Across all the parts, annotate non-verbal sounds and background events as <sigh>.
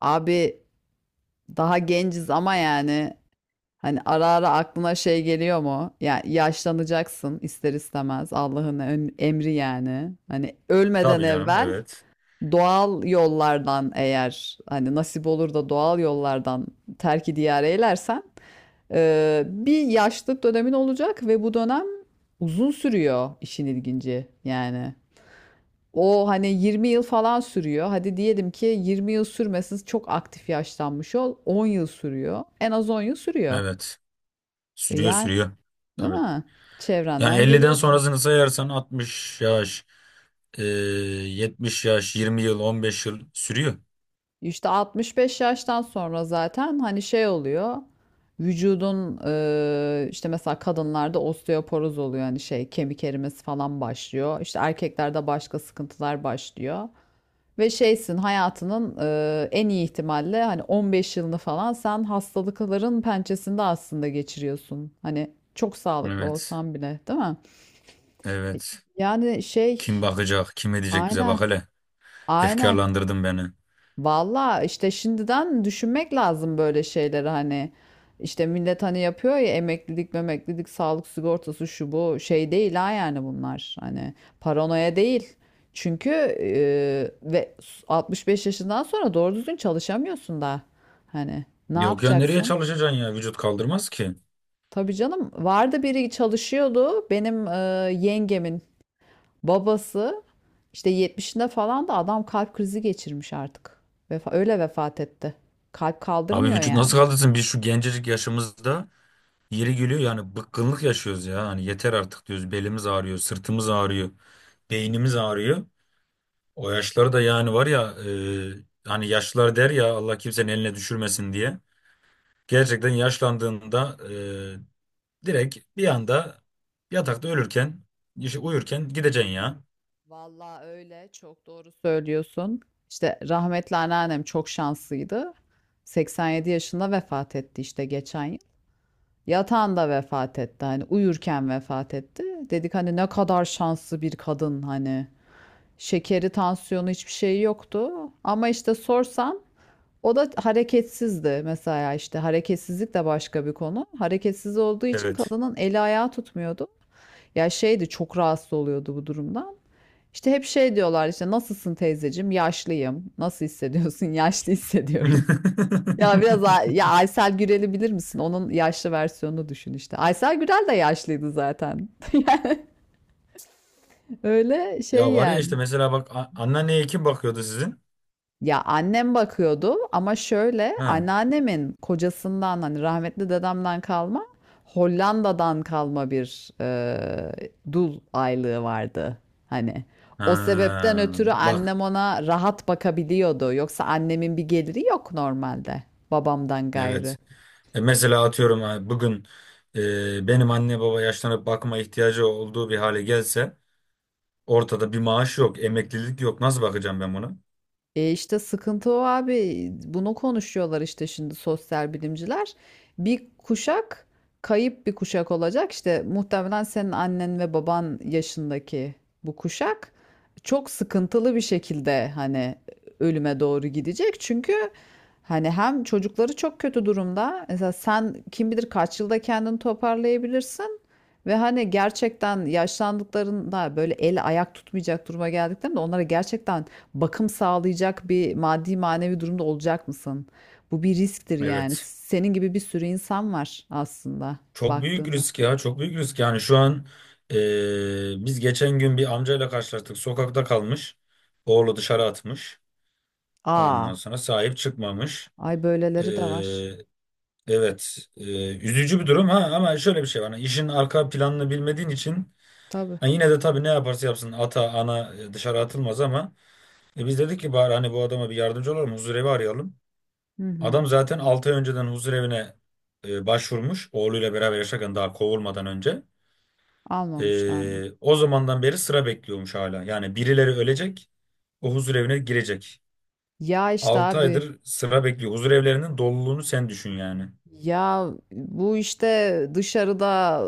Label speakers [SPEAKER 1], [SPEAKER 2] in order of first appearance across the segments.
[SPEAKER 1] Abi daha genciz ama yani hani ara ara aklına şey geliyor mu? Ya yaşlanacaksın ister istemez Allah'ın emri yani. Hani ölmeden
[SPEAKER 2] Tabii canım
[SPEAKER 1] evvel
[SPEAKER 2] evet.
[SPEAKER 1] doğal yollardan eğer hani nasip olur da doğal yollardan terki diyar eylersen bir yaşlılık dönemin olacak ve bu dönem uzun sürüyor işin ilginci yani. O hani 20 yıl falan sürüyor. Hadi diyelim ki 20 yıl sürmesin, çok aktif yaşlanmış ol. 10 yıl sürüyor. En az 10 yıl sürüyor.
[SPEAKER 2] Evet.
[SPEAKER 1] Ve
[SPEAKER 2] Sürüyor
[SPEAKER 1] yani,
[SPEAKER 2] sürüyor.
[SPEAKER 1] değil
[SPEAKER 2] Tabii.
[SPEAKER 1] mi?
[SPEAKER 2] Yani
[SPEAKER 1] Çevrenden
[SPEAKER 2] 50'den
[SPEAKER 1] görüyorsun.
[SPEAKER 2] sonrasını sayarsan 60 yaş, 70 yaş, 20 yıl, 15 yıl sürüyor.
[SPEAKER 1] İşte 65 yaştan sonra zaten hani şey oluyor. Vücudun işte mesela kadınlarda osteoporoz oluyor, hani şey, kemik erimesi falan başlıyor. İşte erkeklerde başka sıkıntılar başlıyor. Ve şeysin, hayatının en iyi ihtimalle hani 15 yılını falan sen hastalıkların pençesinde aslında geçiriyorsun. Hani çok sağlıklı
[SPEAKER 2] Evet.
[SPEAKER 1] olsan bile, değil mi? E,
[SPEAKER 2] Evet.
[SPEAKER 1] Yani
[SPEAKER 2] Kim
[SPEAKER 1] şey.
[SPEAKER 2] bakacak, kim edecek bize bak
[SPEAKER 1] Aynen.
[SPEAKER 2] hele.
[SPEAKER 1] Aynen.
[SPEAKER 2] Efkarlandırdın beni.
[SPEAKER 1] Valla işte şimdiden düşünmek lazım böyle şeyleri, hani işte millet hani yapıyor ya, emeklilik memeklilik, sağlık sigortası şu bu, şey değil ha yani. Bunlar hani paranoya değil. Çünkü e, ve 65 yaşından sonra doğru düzgün çalışamıyorsun da hani ne
[SPEAKER 2] Yok ya nereye
[SPEAKER 1] yapacaksın?
[SPEAKER 2] çalışacaksın ya? Vücut kaldırmaz ki.
[SPEAKER 1] Tabii canım, vardı biri çalışıyordu, benim yengemin babası işte 70'inde falan da adam kalp krizi geçirmiş artık. Öyle vefat etti. Kalp
[SPEAKER 2] Abi
[SPEAKER 1] kaldırmıyor
[SPEAKER 2] vücut nasıl
[SPEAKER 1] yani.
[SPEAKER 2] kaldırsın? Biz şu gencecik yaşımızda yeri geliyor yani bıkkınlık yaşıyoruz ya. Hani yeter artık diyoruz. Belimiz ağrıyor, sırtımız ağrıyor, beynimiz ağrıyor. O yaşları da yani var ya, e, hani yaşlılar der ya Allah kimsenin eline düşürmesin diye. Gerçekten yaşlandığında e, direkt bir anda yatakta ölürken, işte uyurken gideceksin ya.
[SPEAKER 1] Vallahi öyle, çok doğru söylüyorsun. İşte rahmetli anneannem çok şanslıydı. 87 yaşında vefat etti işte, geçen yıl. Yatağında vefat etti, hani uyurken vefat etti. Dedik hani ne kadar şanslı bir kadın hani. Şekeri, tansiyonu, hiçbir şey yoktu. Ama işte sorsan, o da hareketsizdi mesela. İşte hareketsizlik de başka bir konu. Hareketsiz olduğu için
[SPEAKER 2] Evet.
[SPEAKER 1] kadının eli ayağı tutmuyordu. Ya şeydi, çok rahatsız oluyordu bu durumdan. İşte hep şey diyorlar, işte nasılsın teyzeciğim? Yaşlıyım. Nasıl hissediyorsun? <laughs> Yaşlı hissediyorum. <laughs>
[SPEAKER 2] <laughs>
[SPEAKER 1] Ya biraz ya, Aysel Gürel'i bilir misin? Onun yaşlı versiyonunu düşün işte. Aysel Gürel de yaşlıydı zaten. <laughs> Öyle şey
[SPEAKER 2] Ya var ya işte
[SPEAKER 1] yani.
[SPEAKER 2] mesela bak, anneanneye kim bakıyordu sizin?
[SPEAKER 1] Ya annem bakıyordu ama şöyle,
[SPEAKER 2] Ha.
[SPEAKER 1] anneannemin kocasından, hani rahmetli dedemden kalma, Hollanda'dan kalma bir dul aylığı vardı. Hani o sebepten
[SPEAKER 2] Ha.
[SPEAKER 1] ötürü
[SPEAKER 2] Bak.
[SPEAKER 1] annem ona rahat bakabiliyordu. Yoksa annemin bir geliri yok normalde, babamdan gayrı.
[SPEAKER 2] Evet. E mesela atıyorum ha, bugün e, benim anne baba yaşlanıp bakıma ihtiyacı olduğu bir hale gelse, ortada bir maaş yok, emeklilik yok. Nasıl bakacağım ben buna?
[SPEAKER 1] E işte sıkıntı o abi. Bunu konuşuyorlar işte şimdi sosyal bilimciler. Bir kuşak, kayıp bir kuşak olacak. İşte muhtemelen senin annen ve baban yaşındaki bu kuşak çok sıkıntılı bir şekilde hani ölüme doğru gidecek. Çünkü hani hem çocukları çok kötü durumda. Mesela sen kim bilir kaç yılda kendini toparlayabilirsin. Ve hani gerçekten yaşlandıklarında, böyle el ayak tutmayacak duruma geldiklerinde onlara gerçekten bakım sağlayacak bir maddi manevi durumda olacak mısın? Bu bir risktir yani.
[SPEAKER 2] Evet.
[SPEAKER 1] Senin gibi bir sürü insan var aslında
[SPEAKER 2] Çok büyük
[SPEAKER 1] baktığında.
[SPEAKER 2] risk ya, çok büyük risk. Yani şu an biz geçen gün bir amcayla karşılaştık. Sokakta kalmış. Oğlu dışarı atmış. Ondan
[SPEAKER 1] Aa,
[SPEAKER 2] sonra sahip çıkmamış.
[SPEAKER 1] ay böyleleri de var.
[SPEAKER 2] Eee, evet, üzücü bir durum ha, ama şöyle bir şey var. Yani işin arka planını bilmediğin için
[SPEAKER 1] Tabii.
[SPEAKER 2] ha, yine de tabii ne yaparsa yapsın ata ana e, dışarı atılmaz, ama e, biz dedik ki bari hani bu adama bir yardımcı olalım, huzurevi arayalım.
[SPEAKER 1] Hı hı.
[SPEAKER 2] Adam zaten 6 ay önceden huzur evine e, başvurmuş. Oğluyla beraber yaşarken, daha kovulmadan önce.
[SPEAKER 1] Almamışlar mı?
[SPEAKER 2] E, o zamandan beri sıra bekliyormuş hala. Yani birileri ölecek, o huzur evine girecek.
[SPEAKER 1] Ya işte
[SPEAKER 2] 6
[SPEAKER 1] abi,
[SPEAKER 2] aydır sıra bekliyor. Huzur evlerinin doluluğunu sen düşün yani.
[SPEAKER 1] ya bu işte dışarıda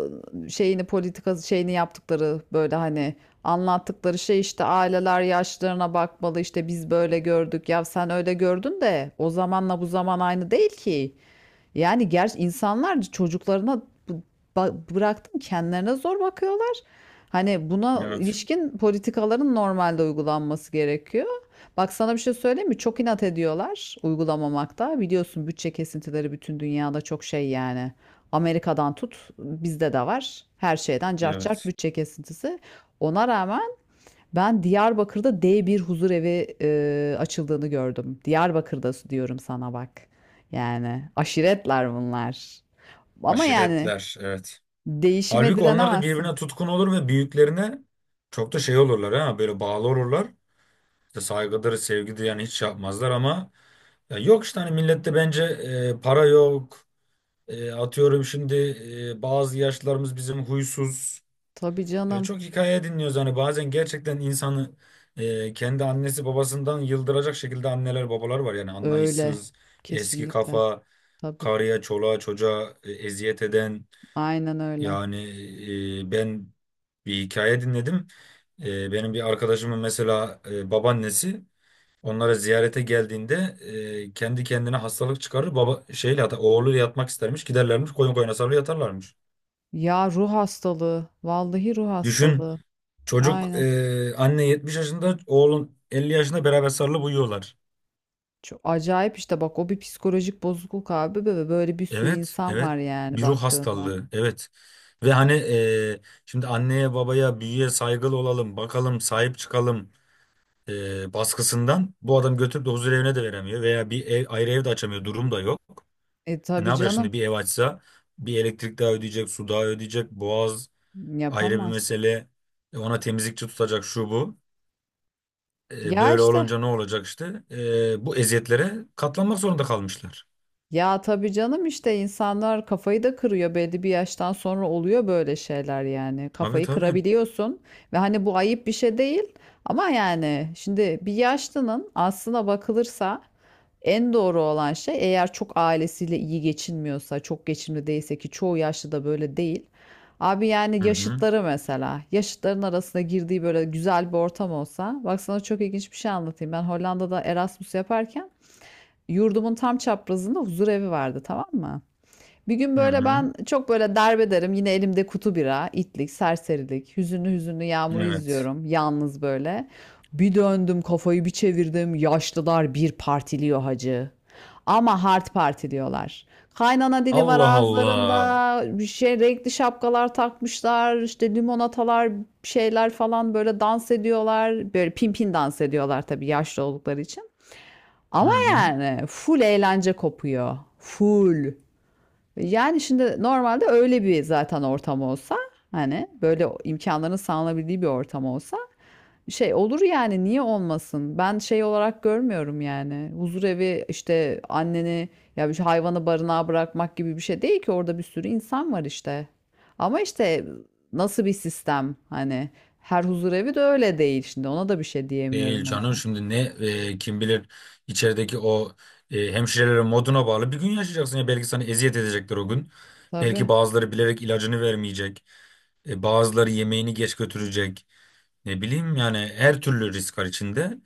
[SPEAKER 1] şeyini, politika şeyini yaptıkları, böyle hani anlattıkları şey, işte aileler yaşlarına bakmalı, işte biz böyle gördük ya, sen öyle gördün, de o zamanla bu zaman aynı değil ki. Yani gerçi insanlar çocuklarına bıraktım, kendilerine zor bakıyorlar. Hani buna
[SPEAKER 2] Evet,
[SPEAKER 1] ilişkin politikaların normalde uygulanması gerekiyor. Bak, sana bir şey söyleyeyim mi? Çok inat ediyorlar uygulamamakta. Biliyorsun bütçe kesintileri bütün dünyada çok şey yani. Amerika'dan tut, bizde de var. Her şeyden cart cart
[SPEAKER 2] evet.
[SPEAKER 1] bütçe kesintisi. Ona rağmen ben Diyarbakır'da D1 huzur evi açıldığını gördüm. Diyarbakır'da diyorum sana, bak. Yani aşiretler bunlar. Ama yani
[SPEAKER 2] Aşiretler, evet.
[SPEAKER 1] değişime
[SPEAKER 2] Halbuki onlar da
[SPEAKER 1] direnemezsin.
[SPEAKER 2] birbirine tutkun olur ve büyüklerine çok da şey olurlar, ha böyle bağlı olurlar. İşte saygıdır, sevgidir, yani hiç şey yapmazlar ama, ya yok işte hani millette bence e, para yok. E, atıyorum şimdi e, bazı yaşlarımız bizim huysuz.
[SPEAKER 1] Tabii
[SPEAKER 2] E,
[SPEAKER 1] canım.
[SPEAKER 2] çok hikaye dinliyoruz. Hani bazen gerçekten insanı e, kendi annesi babasından yıldıracak şekilde anneler babalar var. Yani
[SPEAKER 1] Öyle.
[SPEAKER 2] anlayışsız, eski
[SPEAKER 1] Kesinlikle.
[SPEAKER 2] kafa,
[SPEAKER 1] Tabii.
[SPEAKER 2] karıya, çoluğa, çocuğa e, eziyet eden.
[SPEAKER 1] Aynen öyle.
[SPEAKER 2] Yani e, ben bir hikaye dinledim. E, benim bir arkadaşımın mesela e, babaannesi onlara ziyarete geldiğinde e, kendi kendine hastalık çıkarır. Baba oğluyla yatmak istermiş. Giderlermiş, koyun koyuna sarılı yatarlarmış.
[SPEAKER 1] Ya ruh hastalığı. Vallahi ruh
[SPEAKER 2] Düşün,
[SPEAKER 1] hastalığı.
[SPEAKER 2] çocuk,
[SPEAKER 1] Aynen.
[SPEAKER 2] e, anne 70 yaşında, oğlun 50 yaşında, beraber sarılıp uyuyorlar.
[SPEAKER 1] Çok acayip işte. Bak, o bir psikolojik bozukluk abi ve böyle bir sürü
[SPEAKER 2] Evet
[SPEAKER 1] insan
[SPEAKER 2] evet,
[SPEAKER 1] var yani
[SPEAKER 2] bir ruh
[SPEAKER 1] baktığında.
[SPEAKER 2] hastalığı evet. Ve hani, e, şimdi anneye babaya büyüye saygılı olalım bakalım sahip çıkalım e, baskısından bu adam götürüp de huzur evine de veremiyor veya bir ev, ayrı ev de açamıyor, durum da yok.
[SPEAKER 1] E
[SPEAKER 2] E ne
[SPEAKER 1] tabii
[SPEAKER 2] yapacak
[SPEAKER 1] canım.
[SPEAKER 2] şimdi, bir ev açsa bir elektrik daha ödeyecek, su daha ödeyecek, boğaz ayrı bir
[SPEAKER 1] Yapamaz.
[SPEAKER 2] mesele. E ona temizlikçi tutacak, şu bu. E
[SPEAKER 1] Ya
[SPEAKER 2] böyle
[SPEAKER 1] işte
[SPEAKER 2] olunca ne olacak işte? E bu eziyetlere katlanmak zorunda kalmışlar.
[SPEAKER 1] Ya tabii canım, işte insanlar kafayı da kırıyor, belli bir yaştan sonra oluyor böyle şeyler yani.
[SPEAKER 2] Tabii
[SPEAKER 1] Kafayı
[SPEAKER 2] tabii.
[SPEAKER 1] kırabiliyorsun ve hani bu ayıp bir şey değil ama yani şimdi bir yaşlının, aslına bakılırsa en doğru olan şey, eğer çok ailesiyle iyi geçinmiyorsa, çok geçimli değilse, ki çoğu yaşlı da böyle değil. Abi
[SPEAKER 2] Hı
[SPEAKER 1] yani
[SPEAKER 2] hı.
[SPEAKER 1] yaşıtları mesela, yaşıtların arasında girdiği böyle güzel bir ortam olsa. Bak sana çok ilginç bir şey anlatayım. Ben Hollanda'da Erasmus yaparken yurdumun tam çaprazında huzur evi vardı, tamam mı? Bir gün
[SPEAKER 2] Hı
[SPEAKER 1] böyle
[SPEAKER 2] hı.
[SPEAKER 1] ben çok böyle derbederim yine, elimde kutu bira, itlik, serserilik, hüzünlü hüzünlü yağmuru
[SPEAKER 2] Evet.
[SPEAKER 1] izliyorum yalnız böyle. Bir döndüm, kafayı bir çevirdim, yaşlılar bir partiliyor hacı. Ama hard partiliyorlar. Kaynana dili var
[SPEAKER 2] Allah Allah.
[SPEAKER 1] ağızlarında, bir şey renkli şapkalar takmışlar, işte limonatalar, şeyler falan, böyle dans ediyorlar. Böyle pimpin dans ediyorlar tabii, yaşlı oldukları için.
[SPEAKER 2] Hı
[SPEAKER 1] Ama
[SPEAKER 2] hı.
[SPEAKER 1] yani full eğlence kopuyor. Full. Yani şimdi normalde öyle bir zaten ortam olsa, hani böyle imkanların sağlanabildiği bir ortam olsa, şey olur yani, niye olmasın? Ben şey olarak görmüyorum yani. Huzur evi işte, anneni ya hayvanı barınağa bırakmak gibi bir şey değil ki, orada bir sürü insan var işte. Ama işte nasıl bir sistem hani, her huzur evi de öyle değil şimdi, ona da bir şey
[SPEAKER 2] Değil
[SPEAKER 1] diyemiyorum o
[SPEAKER 2] canım,
[SPEAKER 1] yüzden.
[SPEAKER 2] şimdi ne, e, kim bilir içerideki o e, hemşirelerin moduna bağlı bir gün yaşayacaksın ya, belki sana eziyet edecekler o gün. Belki
[SPEAKER 1] Tabii.
[SPEAKER 2] bazıları bilerek ilacını vermeyecek. E, bazıları yemeğini geç götürecek. Ne bileyim yani, her türlü risk var içinde.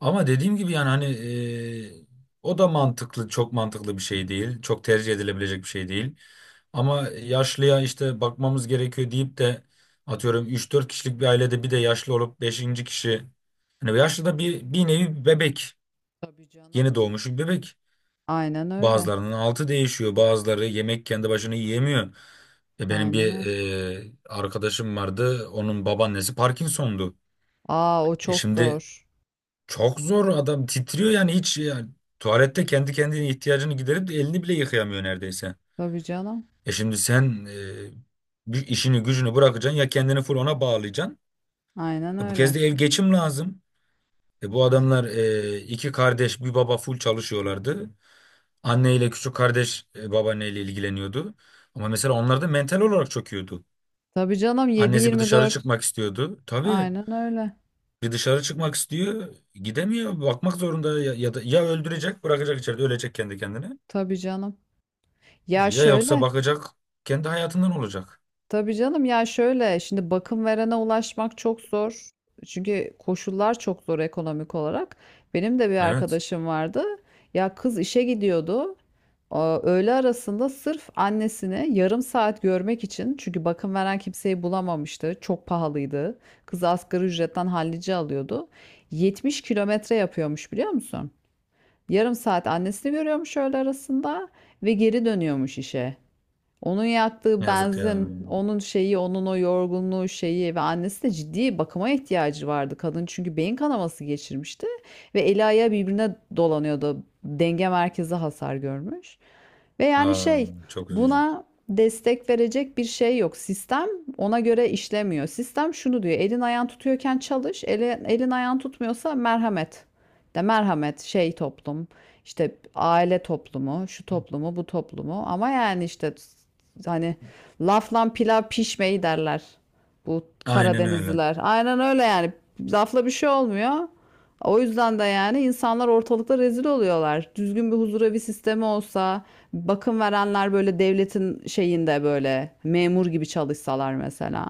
[SPEAKER 2] Ama dediğim gibi yani hani, e, o da mantıklı, çok mantıklı bir şey değil. Çok tercih edilebilecek bir şey değil. Ama yaşlıya işte bakmamız gerekiyor deyip de atıyorum 3-4 kişilik bir ailede bir de yaşlı olup beşinci kişi. Hani yaşlı da bir, bir nevi bir bebek.
[SPEAKER 1] Tabii canım.
[SPEAKER 2] Yeni doğmuş bir bebek.
[SPEAKER 1] Aynen öyle.
[SPEAKER 2] Bazılarının altı değişiyor. Bazıları yemek kendi başına yiyemiyor. Ya benim
[SPEAKER 1] Aynen
[SPEAKER 2] bir
[SPEAKER 1] öyle.
[SPEAKER 2] e, arkadaşım vardı. Onun babaannesi Parkinson'du.
[SPEAKER 1] Aa, o
[SPEAKER 2] E
[SPEAKER 1] çok
[SPEAKER 2] şimdi
[SPEAKER 1] zor.
[SPEAKER 2] çok zor, adam titriyor yani, tuvalette kendi kendine ihtiyacını giderip de elini bile yıkayamıyor neredeyse.
[SPEAKER 1] Tabii canım.
[SPEAKER 2] E şimdi sen e, bir işini gücünü bırakacaksın ya, kendini full ona bağlayacaksın.
[SPEAKER 1] Aynen
[SPEAKER 2] E bu kez
[SPEAKER 1] öyle.
[SPEAKER 2] de ev geçim lazım. E bu adamlar, e, iki kardeş bir baba full çalışıyorlardı. Anne ile küçük kardeş e, babaanneyle ilgileniyordu. Ama mesela onlar da mental olarak çöküyordu.
[SPEAKER 1] Tabii canım. Yedi
[SPEAKER 2] Annesi bir
[SPEAKER 1] yirmi
[SPEAKER 2] dışarı
[SPEAKER 1] dört.
[SPEAKER 2] çıkmak istiyordu. Tabii
[SPEAKER 1] Aynen öyle.
[SPEAKER 2] bir dışarı çıkmak istiyor, gidemiyor. Bakmak zorunda ya, ya da ya öldürecek, bırakacak içeride, ölecek kendi kendine.
[SPEAKER 1] Tabii canım.
[SPEAKER 2] E,
[SPEAKER 1] Ya
[SPEAKER 2] Ya yoksa
[SPEAKER 1] şöyle.
[SPEAKER 2] bakacak, kendi hayatından olacak.
[SPEAKER 1] Tabii canım, ya şöyle. Şimdi bakım verene ulaşmak çok zor. Çünkü koşullar çok zor ekonomik olarak. Benim de bir
[SPEAKER 2] Evet,
[SPEAKER 1] arkadaşım vardı. Ya kız işe gidiyordu. Aa, öğle arasında sırf annesini yarım saat görmek için, çünkü bakım veren kimseyi bulamamıştı. Çok pahalıydı. Kız asgari ücretten hallice alıyordu. 70 kilometre yapıyormuş, biliyor musun? Yarım saat annesini görüyormuş öğle arasında ve geri dönüyormuş işe. Onun yaktığı
[SPEAKER 2] yazık ya.
[SPEAKER 1] benzin, onun şeyi, onun o yorgunluğu şeyi, ve annesi de, ciddi bakıma ihtiyacı vardı kadın. Çünkü beyin kanaması geçirmişti ve eli ayağı birbirine dolanıyordu. Denge merkezi hasar görmüş. Ve yani
[SPEAKER 2] Aa,
[SPEAKER 1] şey,
[SPEAKER 2] çok üzücü.
[SPEAKER 1] buna destek verecek bir şey yok. Sistem ona göre işlemiyor. Sistem şunu diyor: elin ayağın tutuyorken çalış. Elin ayağın tutmuyorsa merhamet. De merhamet şey, toplum. İşte aile toplumu, şu toplumu, bu toplumu. Ama yani işte hani, lafla pilav pişmeyi derler. Bu
[SPEAKER 2] Aynen öyle.
[SPEAKER 1] Karadenizliler. Aynen öyle yani. Lafla bir şey olmuyor. O yüzden de yani insanlar ortalıkta rezil oluyorlar. Düzgün bir huzur evi sistemi olsa, bakım verenler böyle devletin şeyinde böyle memur gibi çalışsalar mesela.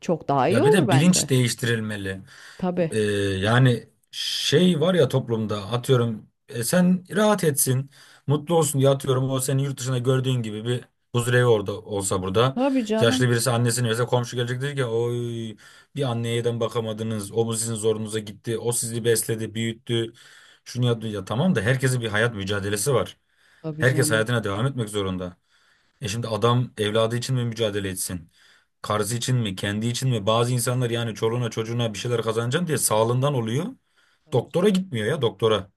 [SPEAKER 1] Çok daha iyi
[SPEAKER 2] Ya bir
[SPEAKER 1] olur
[SPEAKER 2] de bilinç
[SPEAKER 1] bence.
[SPEAKER 2] değiştirilmeli.
[SPEAKER 1] Tabii.
[SPEAKER 2] Ee, yani şey var ya toplumda, atıyorum e, sen rahat etsin, mutlu olsun diye, atıyorum o senin yurt dışında gördüğün gibi bir huzurevi orada olsa burada.
[SPEAKER 1] Tabii canım.
[SPEAKER 2] Yaşlı birisi annesini verse komşu gelecek diyecek ki, oy bir anneye neden bakamadınız. O bu sizin zorunuza gitti. O sizi besledi, büyüttü. Şunu yaptı ya, tamam da herkesin bir hayat mücadelesi var.
[SPEAKER 1] Tabii
[SPEAKER 2] Herkes
[SPEAKER 1] canım.
[SPEAKER 2] hayatına devam etmek zorunda. E şimdi adam evladı için mi mücadele etsin? Karısı için mi, kendi için mi? Bazı insanlar yani çoluğuna çocuğuna bir şeyler kazanacağım diye sağlığından oluyor.
[SPEAKER 1] Tabii
[SPEAKER 2] Doktora
[SPEAKER 1] canım.
[SPEAKER 2] gitmiyor ya doktora.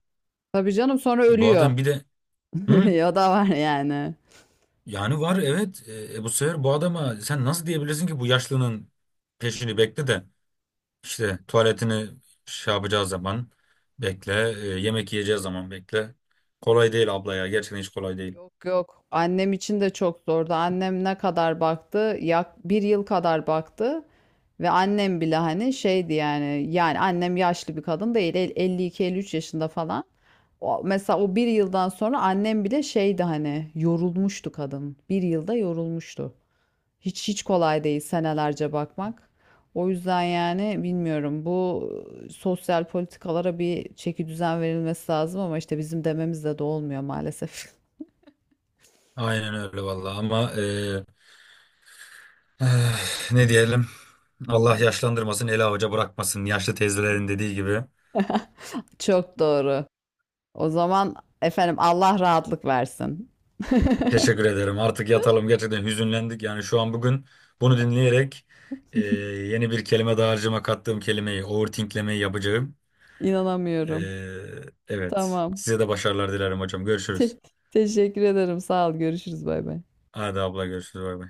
[SPEAKER 1] Tabii canım, sonra
[SPEAKER 2] E, bu
[SPEAKER 1] ölüyor.
[SPEAKER 2] adam bir de,
[SPEAKER 1] <laughs>
[SPEAKER 2] hı?
[SPEAKER 1] Ya da var yani.
[SPEAKER 2] Yani var evet. Bu sefer bu adama sen nasıl diyebilirsin ki bu yaşlının peşini bekle de, işte tuvaletini şey yapacağı zaman bekle, e, yemek yiyeceği zaman bekle. Kolay değil abla ya. Gerçekten hiç kolay değil.
[SPEAKER 1] Yok, yok. Annem için de çok zordu. Annem ne kadar baktı? Bir yıl kadar baktı. Ve annem bile hani şeydi yani. Yani annem yaşlı bir kadın değil. 52, 53 yaşında falan. O, mesela o bir yıldan sonra annem bile şeydi hani, yorulmuştu kadın. Bir yılda yorulmuştu. Hiç hiç kolay değil senelerce bakmak. O yüzden yani bilmiyorum, bu sosyal politikalara bir çeki düzen verilmesi lazım ama işte bizim dememizle de olmuyor maalesef. <laughs>
[SPEAKER 2] Aynen öyle vallahi ama, e, eh, ne diyelim? Allah yaşlandırmasın, eli avuca bırakmasın. Yaşlı teyzelerin dediği gibi.
[SPEAKER 1] Çok doğru. O zaman, efendim, Allah rahatlık versin. <laughs>
[SPEAKER 2] Teşekkür ederim. Artık yatalım. Gerçekten hüzünlendik. Yani şu an bugün bunu dinleyerek e, yeni bir kelime daha harcama kattığım kelimeyi, overthinklemeyi yapacağım. E,
[SPEAKER 1] İnanamıyorum.
[SPEAKER 2] evet.
[SPEAKER 1] Tamam.
[SPEAKER 2] Size de başarılar dilerim hocam. Görüşürüz.
[SPEAKER 1] Te- teşekkür ederim. Sağ ol. Görüşürüz. Bay bay.
[SPEAKER 2] Hadi abla görüşürüz. Bay bay.